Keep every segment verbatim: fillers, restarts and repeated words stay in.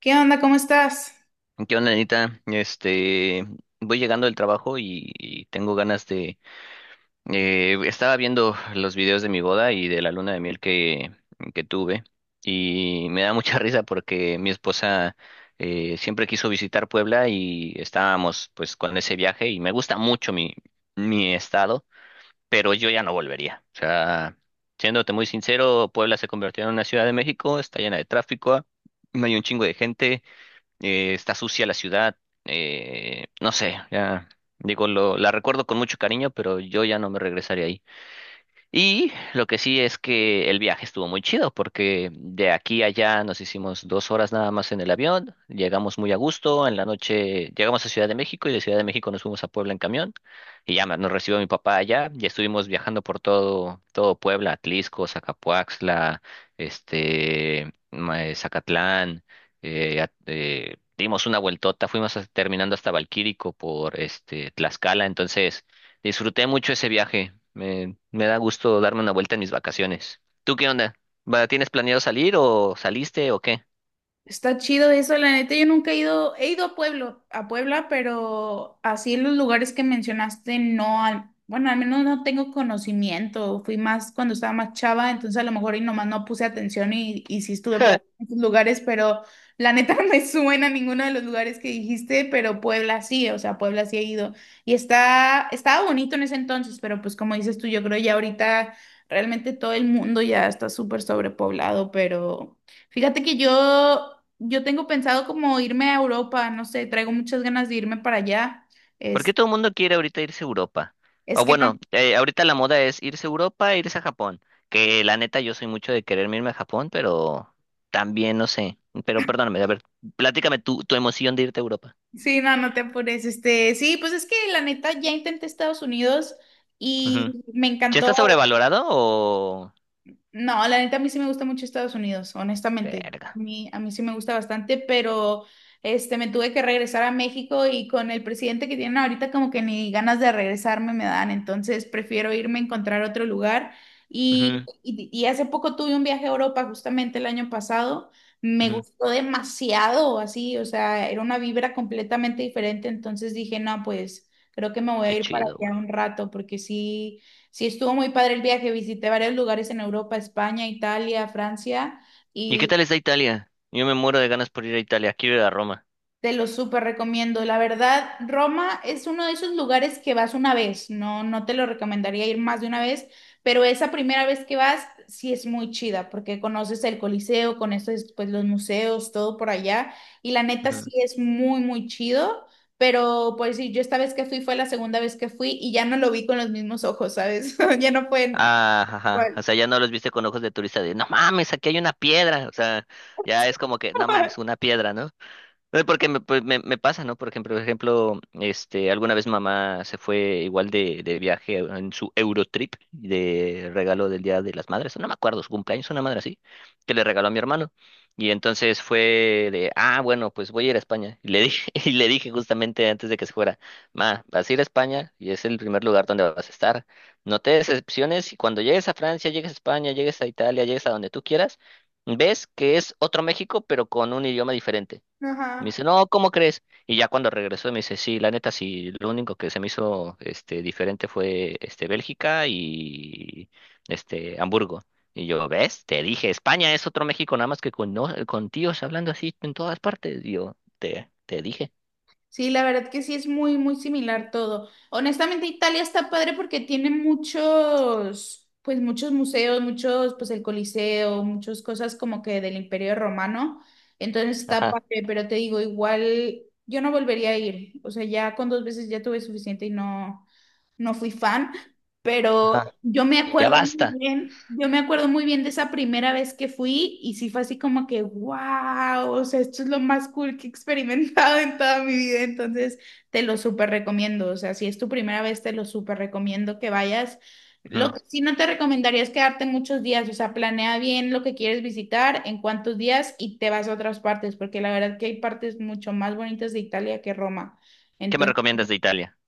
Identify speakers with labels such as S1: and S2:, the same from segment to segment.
S1: ¿Qué onda? ¿Cómo estás?
S2: ¿Qué onda, Anita? Este, voy llegando del trabajo y, y tengo ganas de... eh, estaba viendo los videos de mi boda y de la luna de miel que, que tuve y me da mucha risa porque mi esposa eh, siempre quiso visitar Puebla y estábamos pues con ese viaje y me gusta mucho mi, mi estado, pero yo ya no volvería. O sea, siéndote muy sincero, Puebla se convirtió en una ciudad de México, está llena de tráfico, no hay un chingo de gente. Eh, está sucia la ciudad. Eh, no sé, ya digo, lo, la recuerdo con mucho cariño, pero yo ya no me regresaría. Y lo que sí es que el viaje estuvo muy chido porque de aquí a allá nos hicimos dos horas nada más en el avión. Llegamos muy a gusto, en la noche llegamos a Ciudad de México y de Ciudad de México nos fuimos a Puebla en camión. Y ya me- nos recibió mi papá allá y estuvimos viajando por todo, todo Puebla, Atlisco, Zacapuaxtla, este, ma- eh, Zacatlán, eh, a- eh, dimos una vueltota, fuimos hasta- terminando hasta Valquírico por este, Tlaxcala, entonces... Disfruté mucho ese viaje. Me, me da gusto darme una vuelta en mis vacaciones. ¿Tú qué onda? Va, ¿tienes planeado salir o saliste o qué?
S1: Está chido eso, la neta. Yo nunca he ido, he ido a Pueblo, a Puebla, pero así en los lugares que mencionaste, no, al- bueno, al menos no tengo conocimiento. Fui más cuando estaba más chava, entonces a lo mejor y nomás no puse atención y, y sí estuve por esos lugares, pero la neta no me suena ninguno de los lugares que dijiste, pero Puebla sí, o sea, Puebla sí he ido, y está, estaba bonito en ese entonces, pero pues como dices tú, yo creo ya ahorita realmente todo el mundo ya está súper sobrepoblado, pero... Fíjate que yo, yo tengo pensado como irme a Europa, no sé, traigo muchas ganas de irme para allá.
S2: ¿Por qué
S1: Es,
S2: todo el mundo quiere ahorita irse a Europa?
S1: es
S2: O
S1: que no,
S2: bueno, eh, ahorita la moda es irse a Europa e irse a Japón. Que la neta yo soy mucho de quererme irme a Japón, pero también no sé. Pero perdóname, a ver, platícame tu, tu emoción de irte a Europa.
S1: Sí, no, no te apures. Este, sí, pues es que la neta ya intenté Estados Unidos y
S2: Ujú.
S1: me
S2: ¿Ya está
S1: encantó.
S2: sobrevalorado o...?
S1: No, la neta a mí sí me gusta mucho Estados Unidos, honestamente. A
S2: Verga.
S1: mí, a mí sí me gusta bastante, pero este, me tuve que regresar a México y con el presidente que tienen ahorita como que ni ganas de regresarme me dan, entonces prefiero irme a encontrar otro lugar. Y,
S2: Ujú,
S1: y, y hace poco tuve un viaje a Europa, justamente el año pasado. Me
S2: ujú.
S1: gustó demasiado, así, o sea, era una vibra completamente diferente, entonces dije, no, pues creo que me voy a
S2: Qué
S1: ir para
S2: chido, güey.
S1: allá un rato porque sí. Sí, estuvo muy padre el viaje. Visité varios lugares en Europa, España, Italia, Francia
S2: ¿Y qué
S1: y
S2: tal está Italia? Yo me muero de ganas por ir a Italia, quiero ir a Roma.
S1: te lo súper recomiendo. La verdad, Roma es uno de esos lugares que vas una vez. No, no te lo recomendaría ir más de una vez, pero esa primera vez que vas sí es muy chida porque conoces el Coliseo, conoces pues los museos, todo por allá y la neta
S2: Ujú.
S1: sí es muy, muy chido. Pero pues sí, yo esta vez que fui fue la segunda vez que fui y ya no lo vi con los mismos ojos, ¿sabes? Ya no fue
S2: Ah, ajá.
S1: igual.
S2: O sea, ya no los viste con ojos de turista de, no mames, aquí hay una piedra. O sea, ya es como que, no mames, una piedra, ¿no? No, porque me, pues, me, me pasa, ¿no? Por ejemplo, por ejemplo, este, alguna vez mamá se fue igual de, de viaje en su Eurotrip de regalo del Día de las Madres, no me acuerdo, su cumpleaños, una madre así, que le regaló a mi hermano. Y entonces fue de, ah, bueno, pues voy a ir a España. Y le dije, y le dije justamente antes de que se fuera, ma, vas a ir a España y es el primer lugar donde vas a estar. No te decepciones y cuando llegues a Francia, llegues a España, llegues a Italia, llegues a donde tú quieras, ves que es otro México, pero con un idioma diferente. Me dice,
S1: Ajá.
S2: no, ¿cómo crees? Y ya cuando regresó me dice, sí, la neta, sí, lo único que se me hizo este, diferente fue este, Bélgica y este, Hamburgo. Y yo, ¿ves? Te dije, España es otro México, nada más que con, no- con tíos hablando así en todas partes. Y yo, te, te dije,
S1: Sí, la verdad que sí es muy, muy similar todo. Honestamente, Italia está padre porque tiene muchos, pues muchos museos, muchos, pues el Coliseo, muchas cosas como que del Imperio Romano. Entonces está
S2: ajá,
S1: padre, pero te digo, igual yo no volvería a ir. O sea, ya con dos veces ya tuve suficiente y no no fui fan, pero
S2: ajá,
S1: yo me
S2: y ya
S1: acuerdo muy
S2: basta.
S1: bien, yo me acuerdo muy bien de esa primera vez que fui y sí fue así como que, wow, o sea, esto es lo más cool que he experimentado en toda mi vida. Entonces te lo súper recomiendo, o sea, si es tu primera vez, te lo súper recomiendo que vayas.
S2: Ujú.
S1: Lo que sí no te recomendaría es quedarte muchos días, o sea, planea bien lo que quieres visitar, en cuántos días y te vas a otras partes, porque la verdad que hay partes mucho más bonitas de Italia que Roma.
S2: ¿Qué me recomiendas de Italia?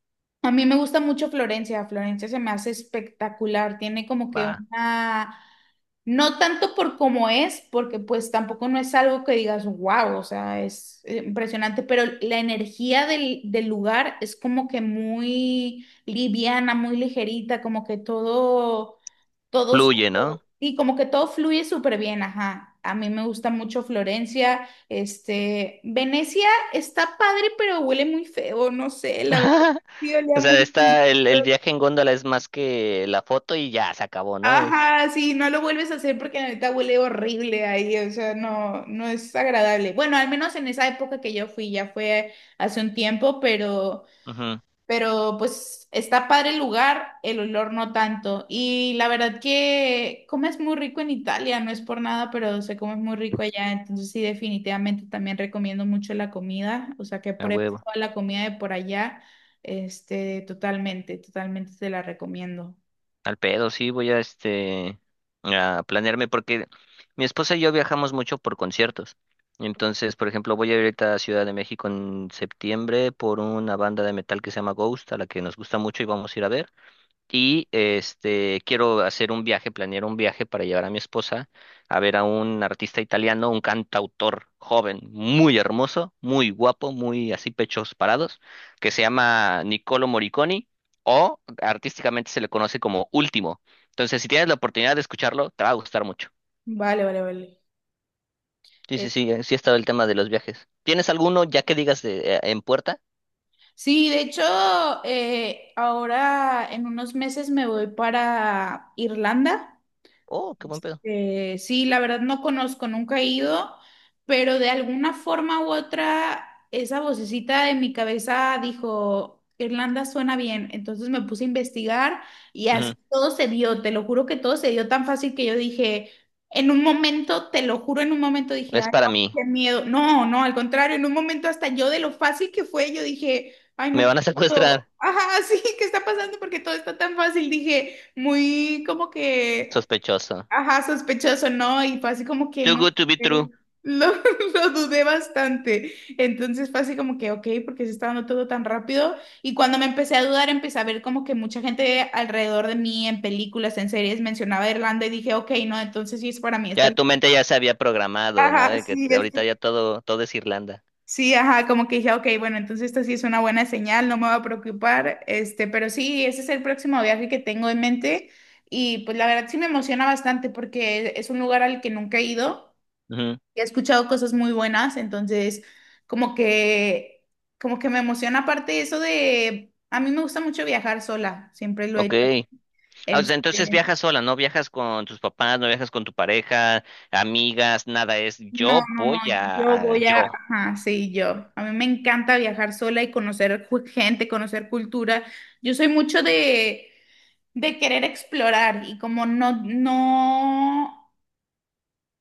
S1: A mí me gusta mucho Florencia. Florencia se me hace espectacular, tiene como que
S2: Va,
S1: una, no tanto por cómo es, porque pues tampoco no es algo que digas, wow, o sea, es eh, impresionante, pero la energía del, del lugar es como que muy liviana, muy ligerita, como que todo todo
S2: fluye,
S1: súper-
S2: ¿no?
S1: y como que todo fluye súper bien, ajá. A mí me gusta mucho Florencia. Este, Venecia está padre, pero huele muy feo, no sé, la verdad. Sí,
S2: O
S1: olía muy
S2: sea,
S1: muy-
S2: está, el, el viaje en góndola es más que la foto y ya se acabó, ¿no? Es,
S1: Ajá, sí, no lo vuelves a hacer porque la neta huele horrible ahí, o sea, no, no es agradable. Bueno, al menos en esa época que yo fui, ya fue hace un tiempo, pero
S2: ujú,
S1: Pero pues está padre el lugar, el olor no tanto. Y la verdad que comes muy rico en Italia, no es por nada, pero se come muy rico allá. Entonces sí, definitivamente también recomiendo mucho la comida. O sea, que
S2: a
S1: pruebes
S2: huevo.
S1: toda la comida de por allá. Este, totalmente, totalmente te la recomiendo.
S2: Al pedo, sí, voy a este a planearme porque mi esposa y yo viajamos mucho por conciertos. Entonces, por ejemplo, voy a ir ahorita a Ciudad de México en septiembre por una banda de metal que se llama Ghost, a la que nos gusta mucho y vamos a ir a ver. Y este, quiero hacer un viaje, planear un viaje para llevar a mi esposa a ver a un artista italiano, un cantautor joven, muy hermoso, muy guapo, muy así pechos parados, que se llama Niccolo Morricone o artísticamente se le conoce como Último. Entonces, si tienes la oportunidad de escucharlo, te va a gustar mucho.
S1: Vale, vale, vale.
S2: Sí, sí,
S1: Eh,
S2: sí, eh, sí ha estado el tema de los viajes. ¿Tienes alguno ya que digas de, eh, en puerta?
S1: sí, de hecho, eh, ahora en unos meses me voy para Irlanda.
S2: Oh, qué buen pedo.
S1: Eh, sí, la verdad no conozco, nunca he ido, pero de alguna forma u otra, esa vocecita de mi cabeza dijo, Irlanda suena bien. Entonces me puse a investigar y
S2: Ujú.
S1: así todo se dio, te lo juro que todo se dio tan fácil que yo dije, en un momento, te lo juro, en un momento dije,
S2: Es
S1: ay,
S2: para
S1: no,
S2: mí.
S1: qué miedo. No, no, al contrario, en un momento hasta yo de lo fácil que fue, yo dije, ay,
S2: Me
S1: no, qué
S2: van a
S1: miedo.
S2: secuestrar.
S1: Ajá, sí, ¿qué está pasando? Porque todo está tan fácil, dije, muy como que.
S2: Sospechoso.
S1: Ajá, sospechoso, ¿no? Y fue así como que
S2: Too
S1: no
S2: good to be
S1: sé,
S2: true.
S1: lo, lo dudé bastante. Entonces fue así como que, ok, porque se está dando todo tan rápido. Y cuando me empecé a dudar, empecé a ver como que mucha gente alrededor de mí en películas, en series, mencionaba Irlanda y dije, ok, no, entonces sí es para mí.
S2: Ya
S1: Esta...
S2: tu mente ya se había programado, ¿no?
S1: Ajá,
S2: De que
S1: sí, es-
S2: ahorita ya todo, todo es Irlanda.
S1: sí, ajá, como que dije, ok, bueno, entonces esta sí es una buena señal, no me va a preocupar. Este, pero sí, ese es el próximo viaje que tengo en mente. Y pues la verdad sí me emociona bastante porque es un lugar al que nunca he ido.
S2: Ujú,
S1: He escuchado cosas muy buenas, entonces como que, como que me emociona. Aparte eso de, a mí me gusta mucho viajar sola, siempre lo he
S2: ok.
S1: hecho.
S2: Ah, o sea, entonces
S1: Este,
S2: viajas sola, ¿no? Viajas con tus papás, no viajas con tu pareja, amigas, nada. Es
S1: no,
S2: yo
S1: no, no,
S2: voy a,
S1: yo
S2: a-
S1: voy a,
S2: yo.
S1: ajá, sí, yo. A mí me encanta viajar sola y conocer ju- gente, conocer cultura. Yo soy mucho de, de querer explorar y como no, no,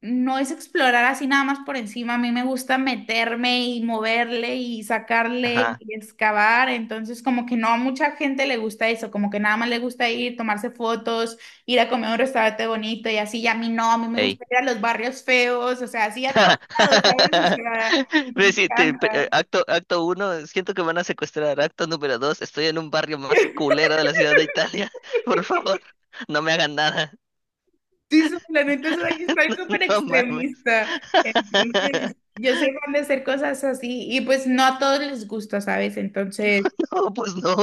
S1: no es explorar así nada más por encima. A mí me gusta meterme y moverle y sacarle
S2: Ajá.
S1: y excavar. Entonces, como que no a mucha gente le gusta eso, como que nada más le gusta ir, tomarse fotos, ir a comer a un restaurante bonito y así. Y a mí no, a mí me
S2: Ey.
S1: gusta ir a los barrios feos, o sea, así a todos lados, ¿sabes? O sea, me
S2: Ve, sí, te- pe-
S1: encanta.
S2: eh, acto, acto uno, siento que me van a secuestrar. Acto número dos, estoy en un barrio más culero de la ciudad de Italia. Por favor, no me hagan nada.
S1: Sí, soy- la neta soy, soy súper
S2: No mames.
S1: extremista. Entonces, yo soy fan de hacer cosas así y pues no a todos les gusta, ¿sabes? Entonces...
S2: No, pues no.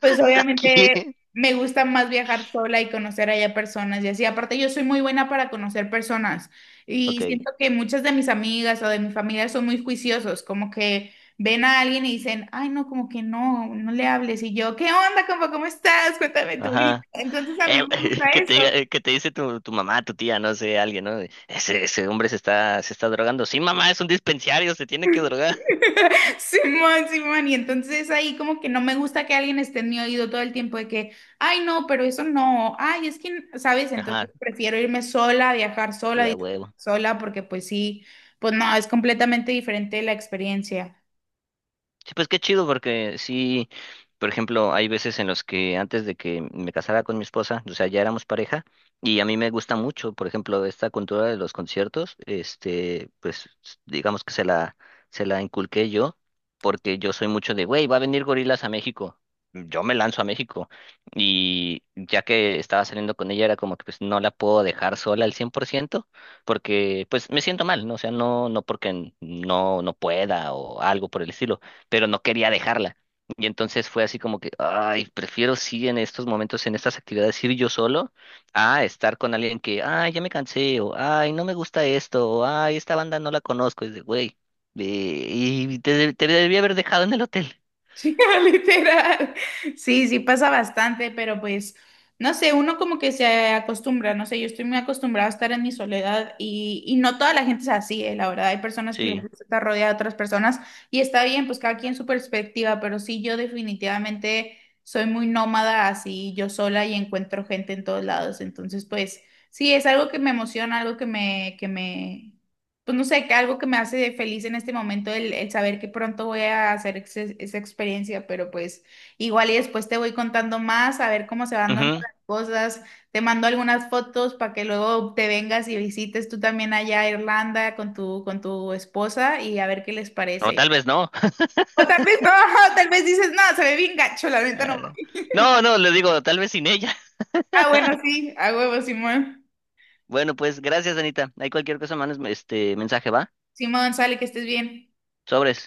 S1: Pues obviamente
S2: ¿Qué?
S1: me gusta más viajar sola y conocer allá personas y así. Aparte, yo soy muy buena para conocer personas y
S2: Ok,
S1: siento que muchas de mis amigas o de mi familia son muy juiciosos, como que ven a alguien y dicen, ay, no, como que no, no le hables. Y yo, ¿qué onda, compa? ¿Cómo estás? Cuéntame tu vida.
S2: ajá.
S1: Entonces, a mí
S2: Eh,
S1: me gusta
S2: que
S1: eso.
S2: te diga, eh, que te dice tu, tu mamá, tu tía, no sé, alguien, ¿no? De, Ese, ese hombre se está, se está drogando. Sí, mamá, es un dispensario, se tiene que drogar.
S1: Simón, Simón, y entonces ahí como que no me gusta que alguien esté en mi oído todo el tiempo de que, ay, no, pero eso no, ay, es que, ¿sabes? Entonces
S2: Ajá,
S1: prefiero irme sola, viajar sola,
S2: tía,
S1: disfrutar
S2: huevo.
S1: sola, porque pues sí, pues no, es completamente diferente la experiencia.
S2: Sí, pues qué chido, porque sí, por ejemplo, hay veces en los que antes de que me casara con mi esposa, o sea, ya éramos pareja, y a mí me gusta mucho, por ejemplo, esta cultura de los conciertos, este, pues s- digamos que se la, se la inculqué yo, porque yo soy mucho de, güey, va a venir Gorilas a México. Yo me lanzo a México y ya que estaba saliendo con ella era como que pues no la puedo dejar sola al cien por ciento, porque pues me siento mal, ¿no? O sea, no, no porque n- no, no pueda o algo por el estilo, pero no quería dejarla. Y entonces fue así como que, ay, prefiero sí en estos momentos, en estas actividades, ir yo solo a estar con alguien que, ay, ya me cansé, o ay, no me gusta esto, o ay, esta banda no la conozco, es de, güey, eh, y te, de- te debí haber dejado en el hotel.
S1: Sí, literal. Sí, sí pasa bastante, pero pues, no sé, uno como que se acostumbra, no sé, yo estoy muy acostumbrada a estar en mi soledad y, y no toda la gente es así, eh, la verdad, hay personas que les
S2: Sí.
S1: gusta estar rodeada de otras personas y está bien, pues cada quien su perspectiva, pero sí, yo definitivamente soy muy nómada así, yo sola y encuentro gente en todos lados, entonces pues, sí, es algo que me emociona, algo que me, que me, pues no sé, que algo que me hace de feliz en este momento, el, el saber que pronto voy a hacer ex- esa experiencia, pero pues igual y después te voy contando más, a ver cómo se van dando
S2: Ujú.
S1: las cosas. Te mando algunas fotos para que luego te vengas y visites tú también allá a Irlanda con tu, con tu esposa y a ver qué les
S2: O tal
S1: parece.
S2: vez no.
S1: O tal vez no, tal vez dices, no, se ve bien gacho, la neta no.
S2: Ah, no, no, le digo, tal vez sin ella.
S1: Ah, bueno, sí, a huevo, Simón.
S2: Bueno, pues gracias, Anita. Hay cualquier cosa, manos, este mensaje, ¿va?
S1: Simón, sale, que estés bien.
S2: Sobres.